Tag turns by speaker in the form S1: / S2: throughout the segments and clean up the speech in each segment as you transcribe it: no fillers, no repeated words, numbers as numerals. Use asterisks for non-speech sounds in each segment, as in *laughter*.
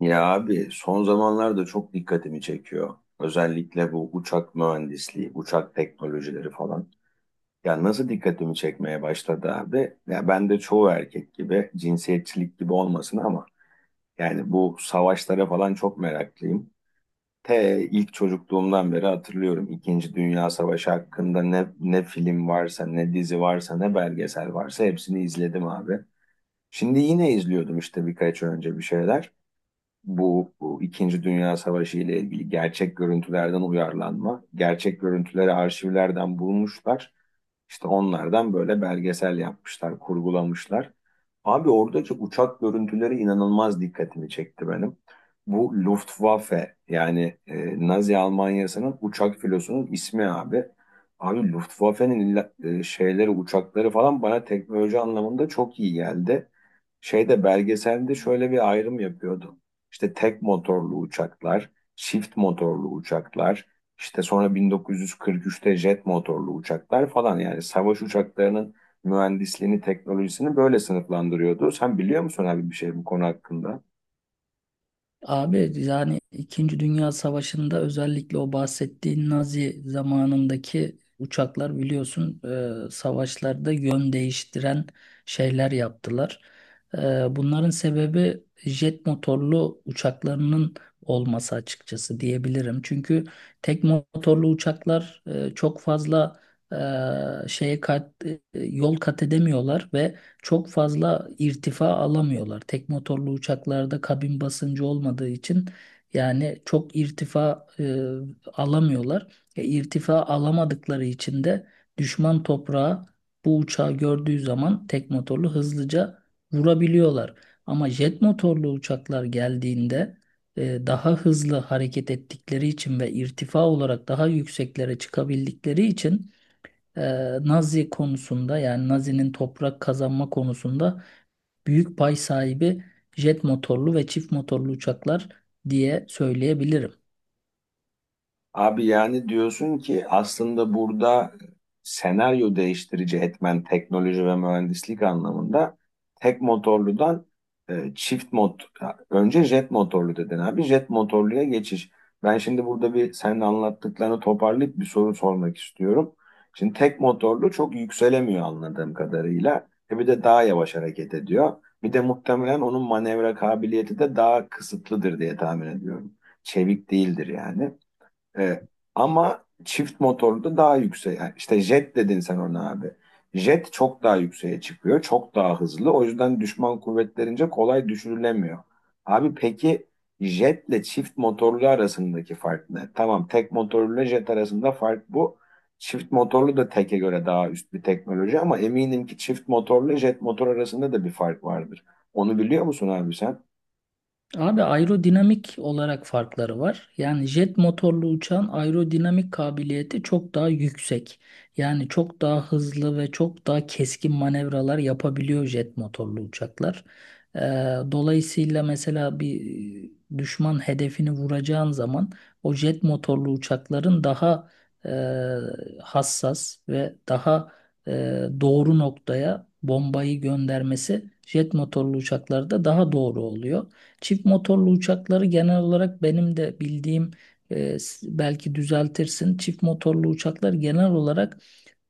S1: Ya abi son zamanlarda çok dikkatimi çekiyor. Özellikle bu uçak mühendisliği, uçak teknolojileri falan. Ya nasıl dikkatimi çekmeye başladı abi? Ya ben de çoğu erkek gibi cinsiyetçilik gibi olmasın ama yani bu savaşlara falan çok meraklıyım. T ilk çocukluğumdan beri hatırlıyorum. İkinci Dünya Savaşı hakkında ne film varsa, ne dizi varsa, ne belgesel varsa hepsini izledim abi. Şimdi yine izliyordum işte birkaç önce bir şeyler bu İkinci Dünya Savaşı ile ilgili gerçek görüntülerden uyarlanma. Gerçek görüntüleri arşivlerden bulmuşlar. İşte onlardan böyle belgesel yapmışlar, kurgulamışlar. Abi oradaki uçak görüntüleri inanılmaz dikkatimi çekti benim. Bu Luftwaffe yani Nazi Almanya'sının uçak filosunun ismi abi. Abi Luftwaffe'nin illa- şeyleri uçakları falan bana teknoloji anlamında çok iyi geldi. Şeyde belgeselde şöyle bir ayrım yapıyordu. İşte tek motorlu uçaklar, çift motorlu uçaklar, işte sonra 1943'te jet motorlu uçaklar falan yani savaş uçaklarının mühendisliğini, teknolojisini böyle sınıflandırıyordu. Sen biliyor musun abi bir şey bu konu hakkında?
S2: Abi yani İkinci Dünya Savaşı'nda özellikle o bahsettiğin Nazi zamanındaki uçaklar biliyorsun, savaşlarda yön değiştiren şeyler yaptılar. E, Bunların sebebi jet motorlu uçaklarının olması açıkçası diyebilirim. Çünkü tek motorlu uçaklar çok fazla yol kat edemiyorlar ve çok fazla irtifa alamıyorlar. Tek motorlu uçaklarda kabin basıncı olmadığı için yani çok irtifa alamıyorlar. İrtifa alamadıkları için de düşman toprağı bu uçağı gördüğü zaman tek motorlu hızlıca vurabiliyorlar. Ama jet motorlu uçaklar geldiğinde daha hızlı hareket ettikleri için ve irtifa olarak daha yükseklere çıkabildikleri için e, Nazi konusunda yani Nazi'nin toprak kazanma konusunda büyük pay sahibi jet motorlu ve çift motorlu uçaklar diye söyleyebilirim.
S1: Abi yani diyorsun ki aslında burada senaryo değiştirici etmen teknoloji ve mühendislik anlamında tek motorludan e, çift mot önce jet motorlu dedin abi, jet motorluya geçiş. Ben şimdi burada bir senin anlattıklarını toparlayıp bir soru sormak istiyorum. Şimdi tek motorlu çok yükselemiyor anladığım kadarıyla. E bir de daha yavaş hareket ediyor. Bir de muhtemelen onun manevra kabiliyeti de daha kısıtlıdır diye tahmin ediyorum. Çevik değildir yani. Evet. Ama çift motorlu da daha yüksek. Yani İşte jet dedin sen ona abi. Jet çok daha yükseğe çıkıyor. Çok daha hızlı. O yüzden düşman kuvvetlerince kolay düşürülemiyor. Abi peki jetle çift motorlu arasındaki fark ne? Tamam, tek motorlu jet arasında fark bu. Çift motorlu da teke göre daha üst bir teknoloji ama eminim ki çift motorlu jet motor arasında da bir fark vardır. Onu biliyor musun abi sen?
S2: Abi aerodinamik olarak farkları var. Yani jet motorlu uçağın aerodinamik kabiliyeti çok daha yüksek. Yani çok daha hızlı ve çok daha keskin manevralar yapabiliyor jet motorlu uçaklar. Ee, Dolayısıyla mesela bir düşman hedefini vuracağın zaman o jet motorlu uçakların daha hassas ve daha e, doğru noktaya bombayı göndermesi jet motorlu uçaklarda daha doğru oluyor. Çift motorlu uçakları genel olarak benim de bildiğim belki düzeltirsin. Çift motorlu uçaklar genel olarak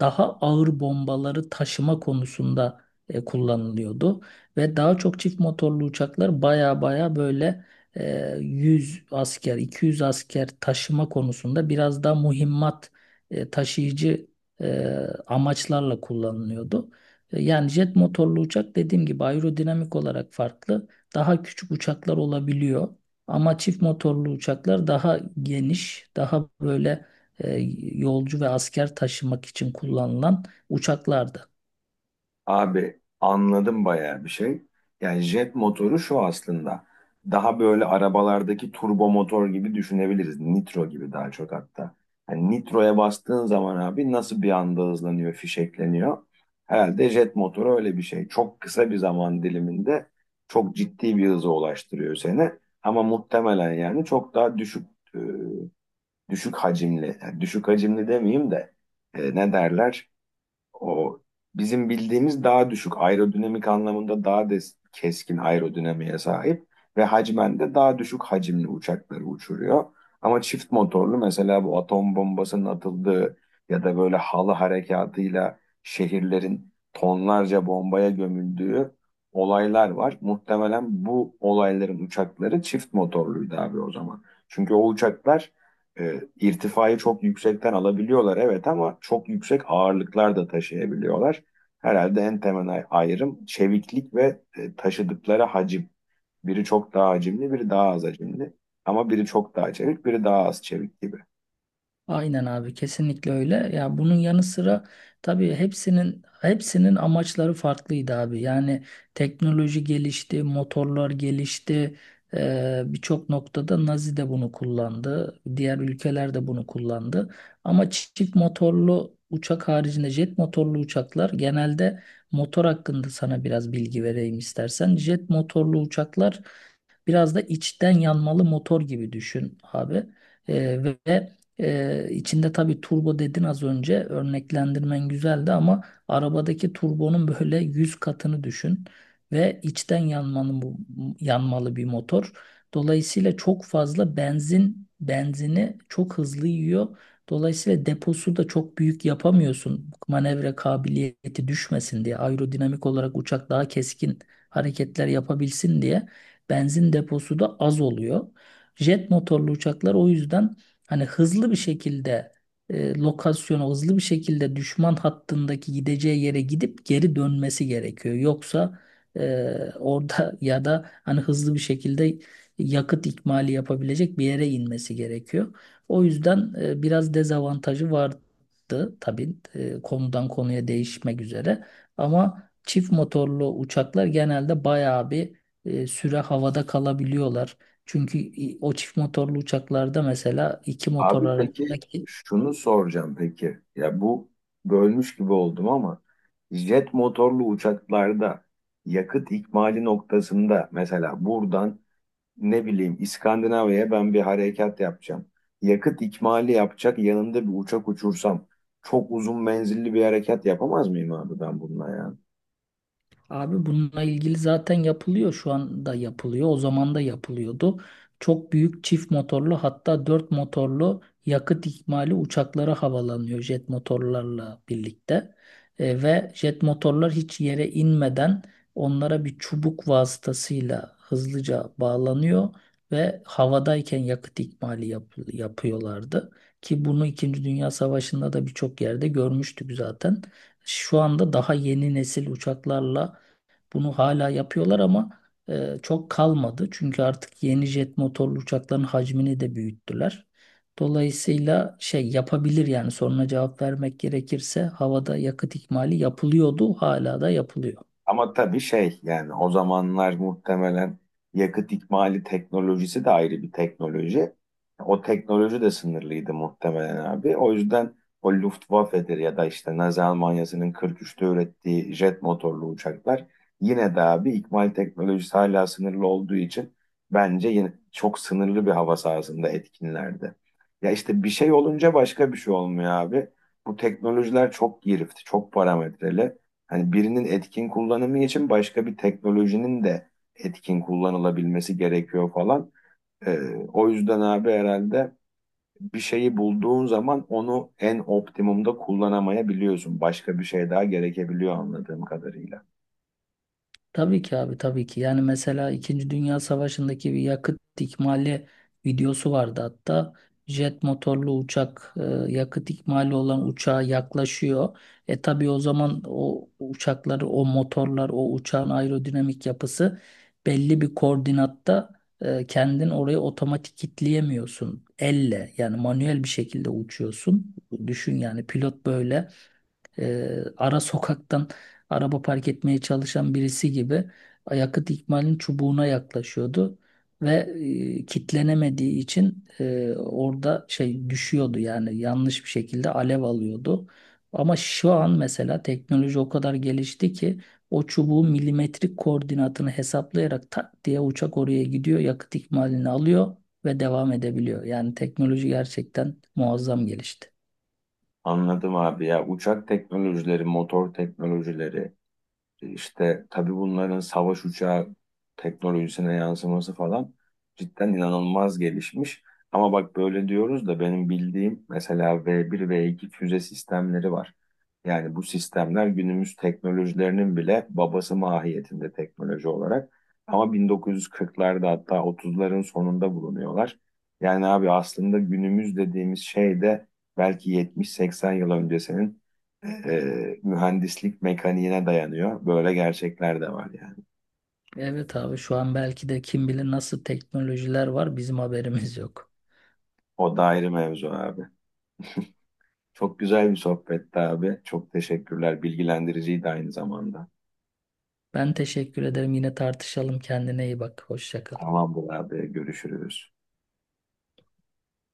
S2: daha ağır bombaları taşıma konusunda kullanılıyordu. Ve daha çok çift motorlu uçaklar baya baya böyle, 100 asker, 200 asker taşıma konusunda biraz daha mühimmat taşıyıcı e, amaçlarla kullanılıyordu. Yani jet motorlu uçak dediğim gibi aerodinamik olarak farklı. Daha küçük uçaklar olabiliyor. Ama çift motorlu uçaklar daha geniş, daha böyle yolcu ve asker taşımak için kullanılan uçaklardı.
S1: Abi anladım bayağı bir şey. Yani jet motoru şu aslında. Daha böyle arabalardaki turbo motor gibi düşünebiliriz. Nitro gibi daha çok hatta. Yani nitroya bastığın zaman abi nasıl bir anda hızlanıyor, fişekleniyor. Herhalde jet motoru öyle bir şey. Çok kısa bir zaman diliminde çok ciddi bir hıza ulaştırıyor seni. Ama muhtemelen yani çok daha düşük e, düşük hacimli. Yani düşük hacimli demeyeyim de ne derler? O bizim bildiğimiz daha düşük aerodinamik anlamında keskin aerodinamiğe sahip ve hacmen de daha düşük hacimli uçakları uçuruyor. Ama çift motorlu mesela bu atom bombasının atıldığı ya da böyle halı harekatıyla şehirlerin tonlarca bombaya gömüldüğü olaylar var. Muhtemelen bu olayların uçakları çift motorluydu abi o zaman. Çünkü o uçaklar irtifayı çok yüksekten alabiliyorlar, evet, ama çok yüksek ağırlıklar da taşıyabiliyorlar. Herhalde en temel ayrım çeviklik ve taşıdıkları hacim. Biri çok daha hacimli, biri daha az hacimli. Ama biri çok daha çevik, biri daha az çevik gibi.
S2: Aynen abi, kesinlikle öyle. Ya bunun yanı sıra tabii hepsinin amaçları farklıydı abi. Yani teknoloji gelişti, motorlar gelişti. Birçok noktada Nazi de bunu kullandı. Diğer ülkeler de bunu kullandı. Ama çift motorlu uçak haricinde jet motorlu uçaklar genelde motor hakkında sana biraz bilgi vereyim istersen. Jet motorlu uçaklar biraz da içten yanmalı motor gibi düşün abi. İçinde tabii turbo dedin az önce, örneklendirmen güzeldi ama arabadaki turbonun böyle 100 katını düşün ve içten yanmanın bu yanmalı bir motor. Dolayısıyla çok fazla benzini çok hızlı yiyor. Dolayısıyla deposu da çok büyük yapamıyorsun. Manevra kabiliyeti düşmesin diye, aerodinamik olarak uçak daha keskin hareketler yapabilsin diye benzin deposu da az oluyor. Jet motorlu uçaklar o yüzden hani hızlı bir şekilde, lokasyona hızlı bir şekilde düşman hattındaki gideceği yere gidip geri dönmesi gerekiyor. Yoksa *laughs* orada ya da hani hızlı bir şekilde yakıt ikmali yapabilecek bir yere inmesi gerekiyor. O yüzden biraz dezavantajı vardı tabii, konudan konuya değişmek üzere. Ama çift motorlu uçaklar genelde bayağı bir süre havada kalabiliyorlar. Çünkü o çift motorlu uçaklarda mesela iki motor
S1: Abi
S2: arasında...
S1: peki şunu soracağım peki. Ya bu bölmüş gibi oldum ama jet motorlu uçaklarda yakıt ikmali noktasında mesela buradan ne bileyim İskandinavya'ya ben bir harekat yapacağım. Yakıt ikmali yapacak yanında bir uçak uçursam çok uzun menzilli bir harekat yapamaz mıyım abi ben bununla yani?
S2: Abi bununla ilgili zaten yapılıyor, şu anda yapılıyor. O zaman da yapılıyordu. Çok büyük çift motorlu hatta dört motorlu yakıt ikmali uçaklara havalanıyor jet motorlarla birlikte. Ve jet motorlar hiç yere inmeden onlara bir çubuk vasıtasıyla hızlıca bağlanıyor ve havadayken yakıt ikmali yapıyorlardı. Ki bunu İkinci Dünya Savaşı'nda da birçok yerde görmüştük zaten. Şu anda daha yeni nesil uçaklarla bunu hala yapıyorlar ama çok kalmadı. Çünkü artık yeni jet motorlu uçakların hacmini de büyüttüler. Dolayısıyla şey yapabilir, yani soruna cevap vermek gerekirse havada yakıt ikmali yapılıyordu, hala da yapılıyor.
S1: Ama tabii şey yani o zamanlar muhtemelen yakıt ikmali teknolojisi de ayrı bir teknoloji. O teknoloji de sınırlıydı muhtemelen abi. O yüzden o Luftwaffe'dir ya da işte Nazi Almanya'sının 43'te ürettiği jet motorlu uçaklar yine de abi ikmal teknolojisi hala sınırlı olduğu için bence yine çok sınırlı bir hava sahasında etkinlerdi. Ya işte bir şey olunca başka bir şey olmuyor abi. Bu teknolojiler çok girift, çok parametreli. Hani birinin etkin kullanımı için başka bir teknolojinin de etkin kullanılabilmesi gerekiyor falan. Ee, O yüzden abi herhalde bir şeyi bulduğun zaman onu en optimumda kullanamayabiliyorsun. Başka bir şey daha gerekebiliyor anladığım kadarıyla.
S2: Tabii ki abi, tabii ki. Yani mesela İkinci Dünya Savaşı'ndaki bir yakıt ikmali videosu vardı hatta. Jet motorlu uçak yakıt ikmali olan uçağa yaklaşıyor. E tabii o zaman o uçakları, o motorlar, o uçağın aerodinamik yapısı belli bir koordinatta kendin orayı otomatik kilitleyemiyorsun. Elle yani manuel bir şekilde uçuyorsun. Düşün yani pilot böyle ara sokaktan araba park etmeye çalışan birisi gibi yakıt ikmalinin çubuğuna yaklaşıyordu ve kitlenemediği için orada şey düşüyordu, yani yanlış bir şekilde alev alıyordu. Ama şu an mesela teknoloji o kadar gelişti ki o çubuğun milimetrik koordinatını hesaplayarak tak diye uçak oraya gidiyor, yakıt ikmalini alıyor ve devam edebiliyor. Yani teknoloji gerçekten muazzam gelişti.
S1: Anladım abi, ya uçak teknolojileri, motor teknolojileri, İşte tabii bunların savaş uçağı teknolojisine yansıması falan cidden inanılmaz gelişmiş. Ama bak böyle diyoruz da benim bildiğim mesela V1, V2 füze sistemleri var. Yani bu sistemler günümüz teknolojilerinin bile babası mahiyetinde teknoloji olarak. Ama 1940'larda hatta 30'ların sonunda bulunuyorlar. Yani abi aslında günümüz dediğimiz şey de belki 70-80 yıl öncesinin mühendislik mekaniğine dayanıyor. Böyle gerçekler de var yani.
S2: Evet abi, şu an belki de kim bilir nasıl teknolojiler var, bizim haberimiz yok.
S1: O da ayrı mevzu abi. Çok güzel bir sohbetti abi. Çok teşekkürler. Bilgilendiriciydi aynı zamanda.
S2: Ben teşekkür ederim, yine tartışalım, kendine iyi bak, hoşça kal.
S1: Tamamdır abi. Görüşürüz.